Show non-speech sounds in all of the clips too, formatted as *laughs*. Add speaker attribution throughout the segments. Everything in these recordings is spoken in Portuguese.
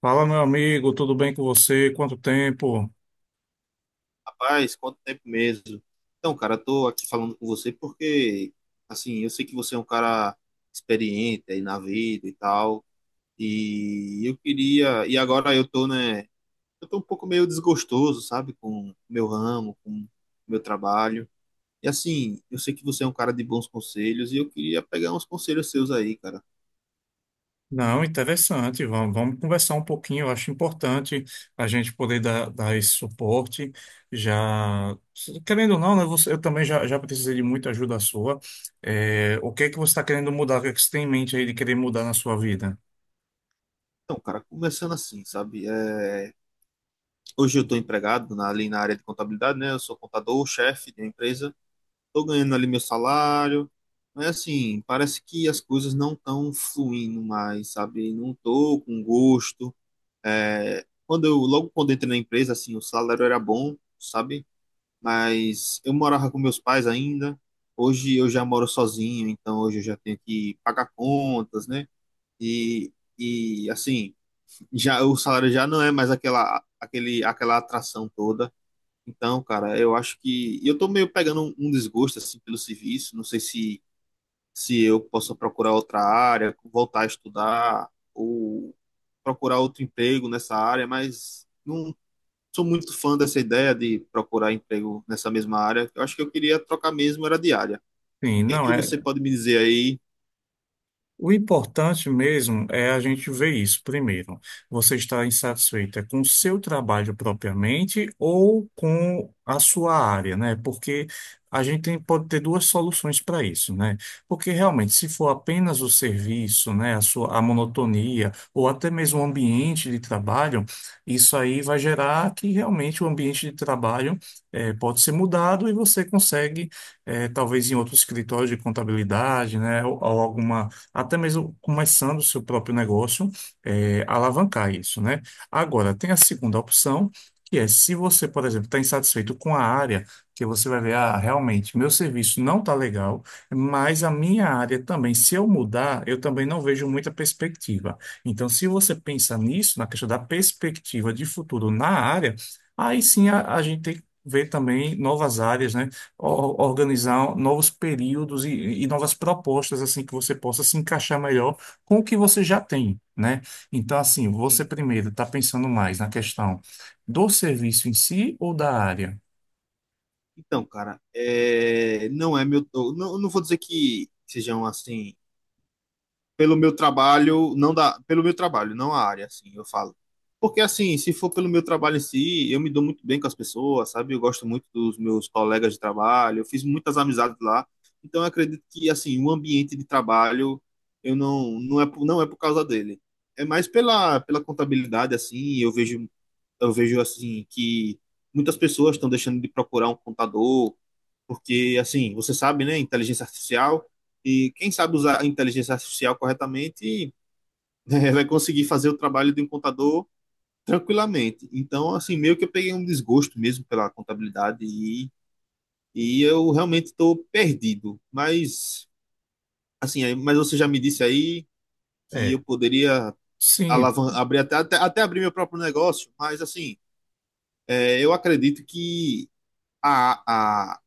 Speaker 1: Fala, meu amigo, tudo bem com você? Quanto tempo?
Speaker 2: Rapaz, quanto tempo mesmo? Então, cara, eu tô aqui falando com você porque, assim, eu sei que você é um cara experiente aí na vida e tal, e agora eu tô, né, eu tô um pouco meio desgostoso, sabe, com o meu ramo, com o meu trabalho. E assim, eu sei que você é um cara de bons conselhos e eu queria pegar uns conselhos seus aí, cara.
Speaker 1: Não, interessante. Vamos conversar um pouquinho. Eu acho importante a gente poder dar esse suporte. Já, querendo ou não, né, você, eu também já precisei de muita ajuda sua. É, o que é que você está querendo mudar? O que é que você tem em mente aí de querer mudar na sua vida?
Speaker 2: Então, cara, começando assim, sabe, é, hoje eu tô empregado ali na área de contabilidade, né, eu sou contador, chefe de uma empresa. Tô ganhando ali meu salário, mas assim, parece que as coisas não estão fluindo mais, sabe? Não tô com gosto. É, logo quando eu entrei na empresa, assim, o salário era bom, sabe? Mas eu morava com meus pais ainda. Hoje eu já moro sozinho, então hoje eu já tenho que pagar contas, né? E, e assim, já o salário já não é mais aquela atração toda. Então, cara, eu acho que e eu tô meio pegando um desgosto assim pelo serviço, não sei se eu posso procurar outra área, voltar a estudar ou procurar outro emprego nessa área, mas não sou muito fã dessa ideia de procurar emprego nessa mesma área. Eu acho que eu queria trocar mesmo era de área. O
Speaker 1: Sim,
Speaker 2: que é
Speaker 1: não
Speaker 2: que
Speaker 1: é.
Speaker 2: você pode me dizer aí?
Speaker 1: O importante mesmo é a gente ver isso primeiro. Você está insatisfeita com o seu trabalho propriamente ou com a sua área, né? Porque pode ter duas soluções para isso, né? Porque realmente, se for apenas o serviço, né, a sua, a monotonia ou até mesmo o ambiente de trabalho, isso aí vai gerar que realmente o ambiente de trabalho pode ser mudado e você consegue, talvez em outro escritório de contabilidade, né, ou alguma até mesmo começando o seu próprio negócio, é, alavancar isso, né? Agora, tem a segunda opção, que é se você, por exemplo, está insatisfeito com a área, que você vai ver, ah, realmente, meu serviço não está legal, mas a minha área também, se eu mudar, eu também não vejo muita perspectiva. Então, se você pensa nisso, na questão da perspectiva de futuro na área, aí sim a gente tem que ver também novas áreas, né? Organizar novos períodos e novas propostas assim que você possa se encaixar melhor com o que você já tem, né? Então, assim, você
Speaker 2: Sim.
Speaker 1: primeiro está pensando mais na questão do serviço em si ou da área?
Speaker 2: Então, cara, é, não é meu, eu não vou dizer que sejam assim pelo meu trabalho, não da, pelo meu trabalho, não a área, assim, eu falo. Porque assim, se for pelo meu trabalho em si, eu me dou muito bem com as pessoas, sabe? Eu gosto muito dos meus colegas de trabalho, eu fiz muitas amizades lá. Então eu acredito que assim, o ambiente de trabalho eu não é por causa dele. É mais pela contabilidade assim, eu vejo assim que muitas pessoas estão deixando de procurar um contador porque assim, você sabe, né, inteligência artificial, e quem sabe usar a inteligência artificial corretamente, né, *laughs* vai conseguir fazer o trabalho de um contador tranquilamente. Então, assim, meio que eu peguei um desgosto mesmo pela contabilidade e eu realmente estou perdido. Mas, assim, mas você já me disse aí que eu
Speaker 1: É,
Speaker 2: poderia
Speaker 1: sim,
Speaker 2: alavan abrir até abrir meu próprio negócio, mas assim, é, eu acredito que a,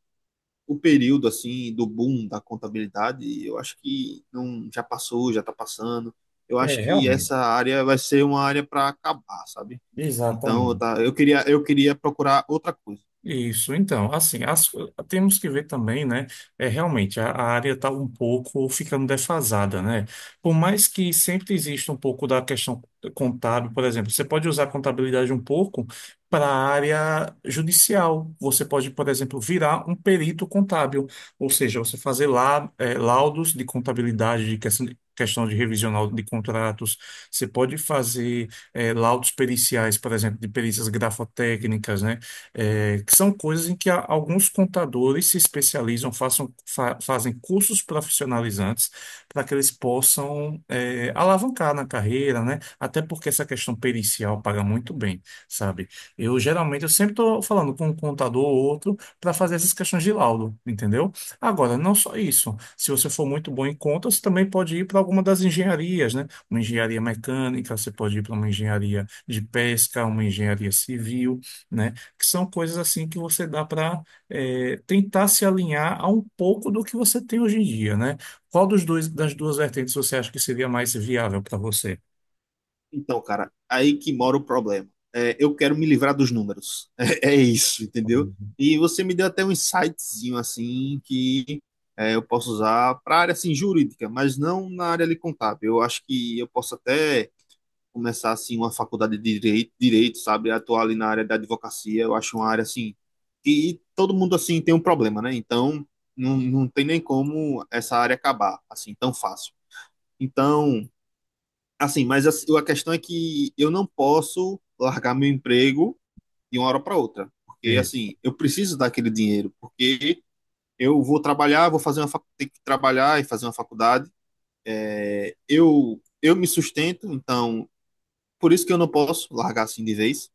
Speaker 2: o período assim do boom da contabilidade, eu acho que não já passou, já está passando. Eu
Speaker 1: é,
Speaker 2: acho que
Speaker 1: realmente.
Speaker 2: essa área vai ser uma área para acabar, sabe? Então, eu,
Speaker 1: Exatamente.
Speaker 2: tá, eu queria procurar outra coisa.
Speaker 1: Isso, então, assim, temos que ver também, né? É, realmente, a área está um pouco ficando defasada, né? Por mais que sempre exista um pouco da questão contábil, por exemplo, você pode usar a contabilidade um pouco para a área judicial. Você pode, por exemplo, virar um perito contábil, ou seja, você fazer lá, é, laudos de contabilidade, de questão de. Questão de revisional de contratos, você pode fazer é, laudos periciais, por exemplo, de perícias grafotécnicas, né? É, que são coisas em que alguns contadores se especializam, façam, fazem cursos profissionalizantes para que eles possam é, alavancar na carreira, né? Até porque essa questão pericial paga muito bem, sabe? Eu geralmente eu sempre estou falando com um contador ou outro para fazer essas questões de laudo, entendeu? Agora, não só isso. Se você for muito bom em contas, também pode ir para alguma das engenharias, né? Uma engenharia mecânica, você pode ir para uma engenharia de pesca, uma engenharia civil, né? Que são coisas assim que você dá para tentar se alinhar a um pouco do que você tem hoje em dia, né? Qual dos dois, das
Speaker 2: Sim.
Speaker 1: duas vertentes você acha que seria mais viável para você?
Speaker 2: Então, cara, aí que mora o problema. É, eu quero me livrar dos números. *laughs* É, é isso, entendeu? E você me deu até um insightzinho assim que é, eu posso usar para área assim jurídica, mas não na área ali contábil. Eu acho que eu posso até começar assim uma faculdade de direito, sabe? Atuar ali na área da advocacia, eu acho uma área assim que todo mundo assim tem um problema, né? Então, não, não tem nem como essa área acabar assim tão fácil. Então, assim, mas a questão é que eu não posso largar meu emprego de uma hora para outra, porque
Speaker 1: Isso.
Speaker 2: assim, eu preciso daquele dinheiro, porque eu vou trabalhar, vou fazer uma facu- ter que trabalhar e fazer uma faculdade. É, eu me sustento, então por isso que eu não posso largar assim de vez.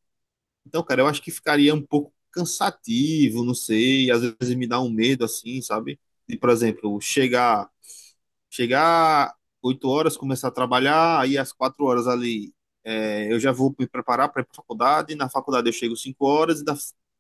Speaker 2: Então, cara, eu acho que ficaria um pouco cansativo, não sei, às vezes me dá um medo assim, sabe? De, por exemplo, chegar 8 horas, começar a trabalhar, aí às 4 horas ali, é, eu já vou me preparar para ir para faculdade, na faculdade eu chego 5 horas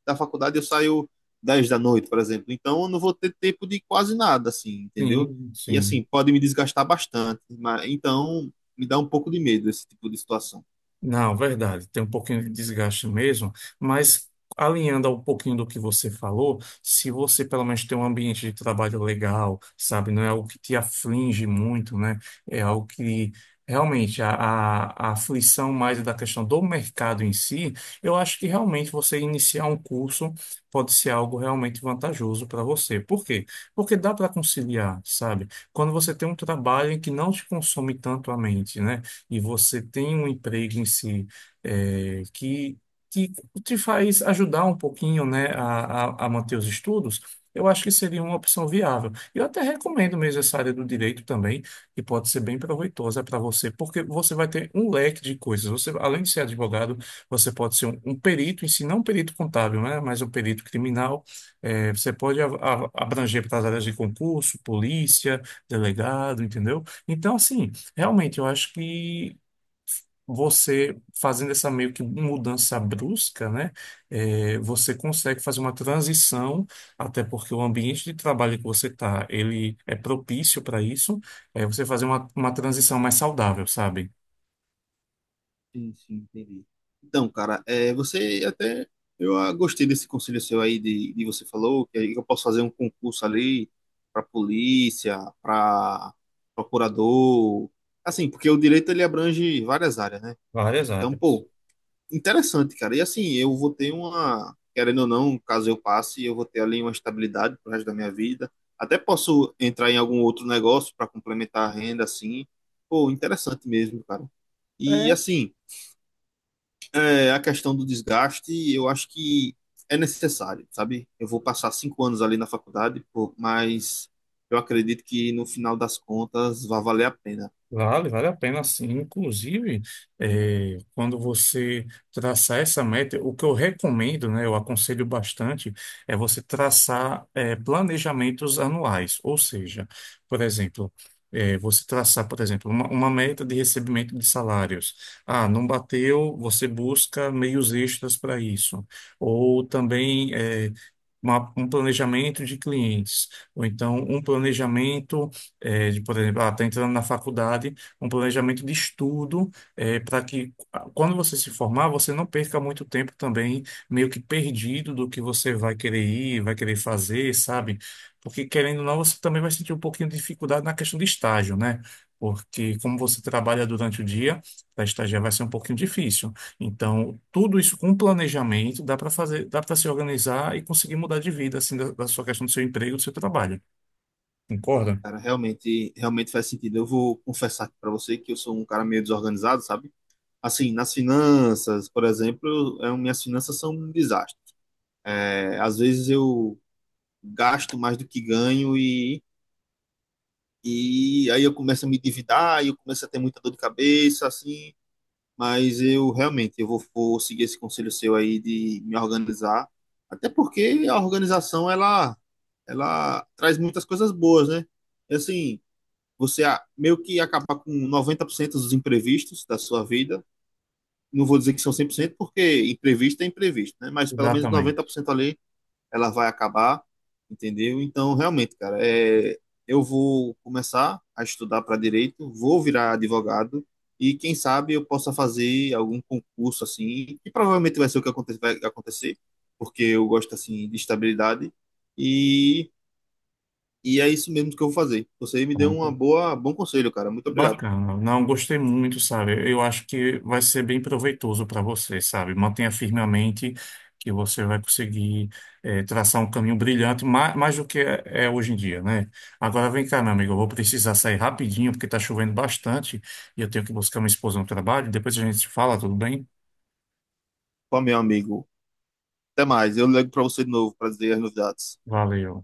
Speaker 2: da faculdade eu saio 10 da noite, por exemplo. Então, eu não vou ter tempo de quase nada assim, entendeu?
Speaker 1: Sim,
Speaker 2: E
Speaker 1: sim.
Speaker 2: assim, pode me desgastar bastante, mas então me dá um pouco de medo esse tipo de situação.
Speaker 1: Não, verdade, tem um pouquinho de desgaste mesmo, mas alinhando a um pouquinho do que você falou, se você pelo menos tem um ambiente de trabalho legal, sabe, não é algo que te aflige muito, né? É algo que realmente a aflição mais é da questão do mercado em si, eu acho que realmente você iniciar um curso pode ser algo realmente vantajoso para você. Por quê? Porque dá para conciliar, sabe? Quando você tem um trabalho em que não te consome tanto a mente, né? E você tem um emprego em si é, que te, te faz ajudar um pouquinho, né, a manter os estudos, eu acho que seria uma opção viável. Eu até recomendo mesmo essa área do direito também, que pode ser bem proveitosa para você, porque você vai ter um leque de coisas. Você, além de ser advogado, você pode ser um perito em si, não um perito contábil, né, mas um perito criminal. É, você pode abranger para as áreas de concurso, polícia, delegado, entendeu? Então, assim. Realmente, eu acho que você fazendo essa meio que mudança brusca, né, é, você consegue fazer uma transição, até porque o ambiente de trabalho que você está, ele é propício para isso, é você fazer uma transição mais saudável, sabe?
Speaker 2: Sim, sim, entendi. Então, cara, é, você até. Eu gostei desse conselho seu aí, de você falou que eu posso fazer um concurso ali para polícia, para procurador. Assim, porque o direito ele abrange várias áreas, né?
Speaker 1: Várias
Speaker 2: Então,
Speaker 1: áreas.
Speaker 2: pô, interessante, cara. E assim, eu vou ter uma. Querendo ou não, caso eu passe, eu vou ter ali uma estabilidade pro resto da minha vida. Até posso entrar em algum outro negócio para complementar a renda, assim. Pô, interessante mesmo, cara. E assim é, a questão do desgaste, eu acho que é necessário, sabe? Eu vou passar 5 anos ali na faculdade, pô, mas eu acredito que no final das contas vai valer a pena.
Speaker 1: Vale a pena sim. Inclusive, quando você traçar essa meta, o que eu recomendo, né, eu aconselho bastante, é você traçar, planejamentos anuais. Ou seja, por exemplo, você traçar, por exemplo, uma meta de recebimento de salários. Ah, não bateu, você busca meios extras para isso. Ou também, um planejamento de clientes, ou então um planejamento, de, por exemplo, está entrando na faculdade, um planejamento de estudo, para que ah, quando você se formar, você não perca muito tempo também, meio que perdido do que você vai querer ir, vai querer fazer, sabe? Porque querendo ou não, você também vai sentir um pouquinho de dificuldade na questão de estágio, né? Porque como você trabalha durante o dia, para estagiar vai ser um pouquinho difícil. Então, tudo isso com planejamento dá para fazer, dá para se organizar e conseguir mudar de vida, assim, da sua questão do seu emprego, do seu trabalho.
Speaker 2: E,
Speaker 1: Concorda?
Speaker 2: cara, realmente, realmente faz sentido. Eu vou confessar aqui pra você que eu sou um cara meio desorganizado, sabe? Assim, nas finanças, por exemplo, é, minhas finanças são um desastre. É, às vezes eu gasto mais do que ganho e aí eu começo a me endividar, e eu começo a ter muita dor de cabeça, assim. Mas eu realmente eu vou seguir esse conselho seu aí de me organizar, até porque a organização ela traz muitas coisas boas, né? E, assim, meio que acabar com 90% dos imprevistos da sua vida. Não vou dizer que são 100% porque imprevisto é imprevisto, né? Mas pelo menos
Speaker 1: Exatamente.
Speaker 2: 90% ali ela vai acabar, entendeu? Então, realmente, cara, é, eu vou começar a estudar para direito, vou virar advogado e quem sabe eu possa fazer algum concurso assim, que provavelmente vai ser o que vai acontecer, porque eu gosto assim de estabilidade e e é isso mesmo que eu vou fazer. Você me deu uma
Speaker 1: Pronto.
Speaker 2: boa bom conselho, cara. Muito obrigado.
Speaker 1: Bacana. Não, gostei muito, sabe? Eu acho que vai ser bem proveitoso para você, sabe? Mantenha firmemente que você vai conseguir traçar um caminho brilhante, mais do que é, é hoje em dia, né? Agora vem cá, meu amigo, eu vou precisar sair rapidinho porque está chovendo bastante e eu tenho que buscar minha esposa no trabalho. Depois a gente se fala, tudo bem?
Speaker 2: Pô, meu amigo. Até mais. Eu ligo para você de novo para dizer as novidades.
Speaker 1: Valeu.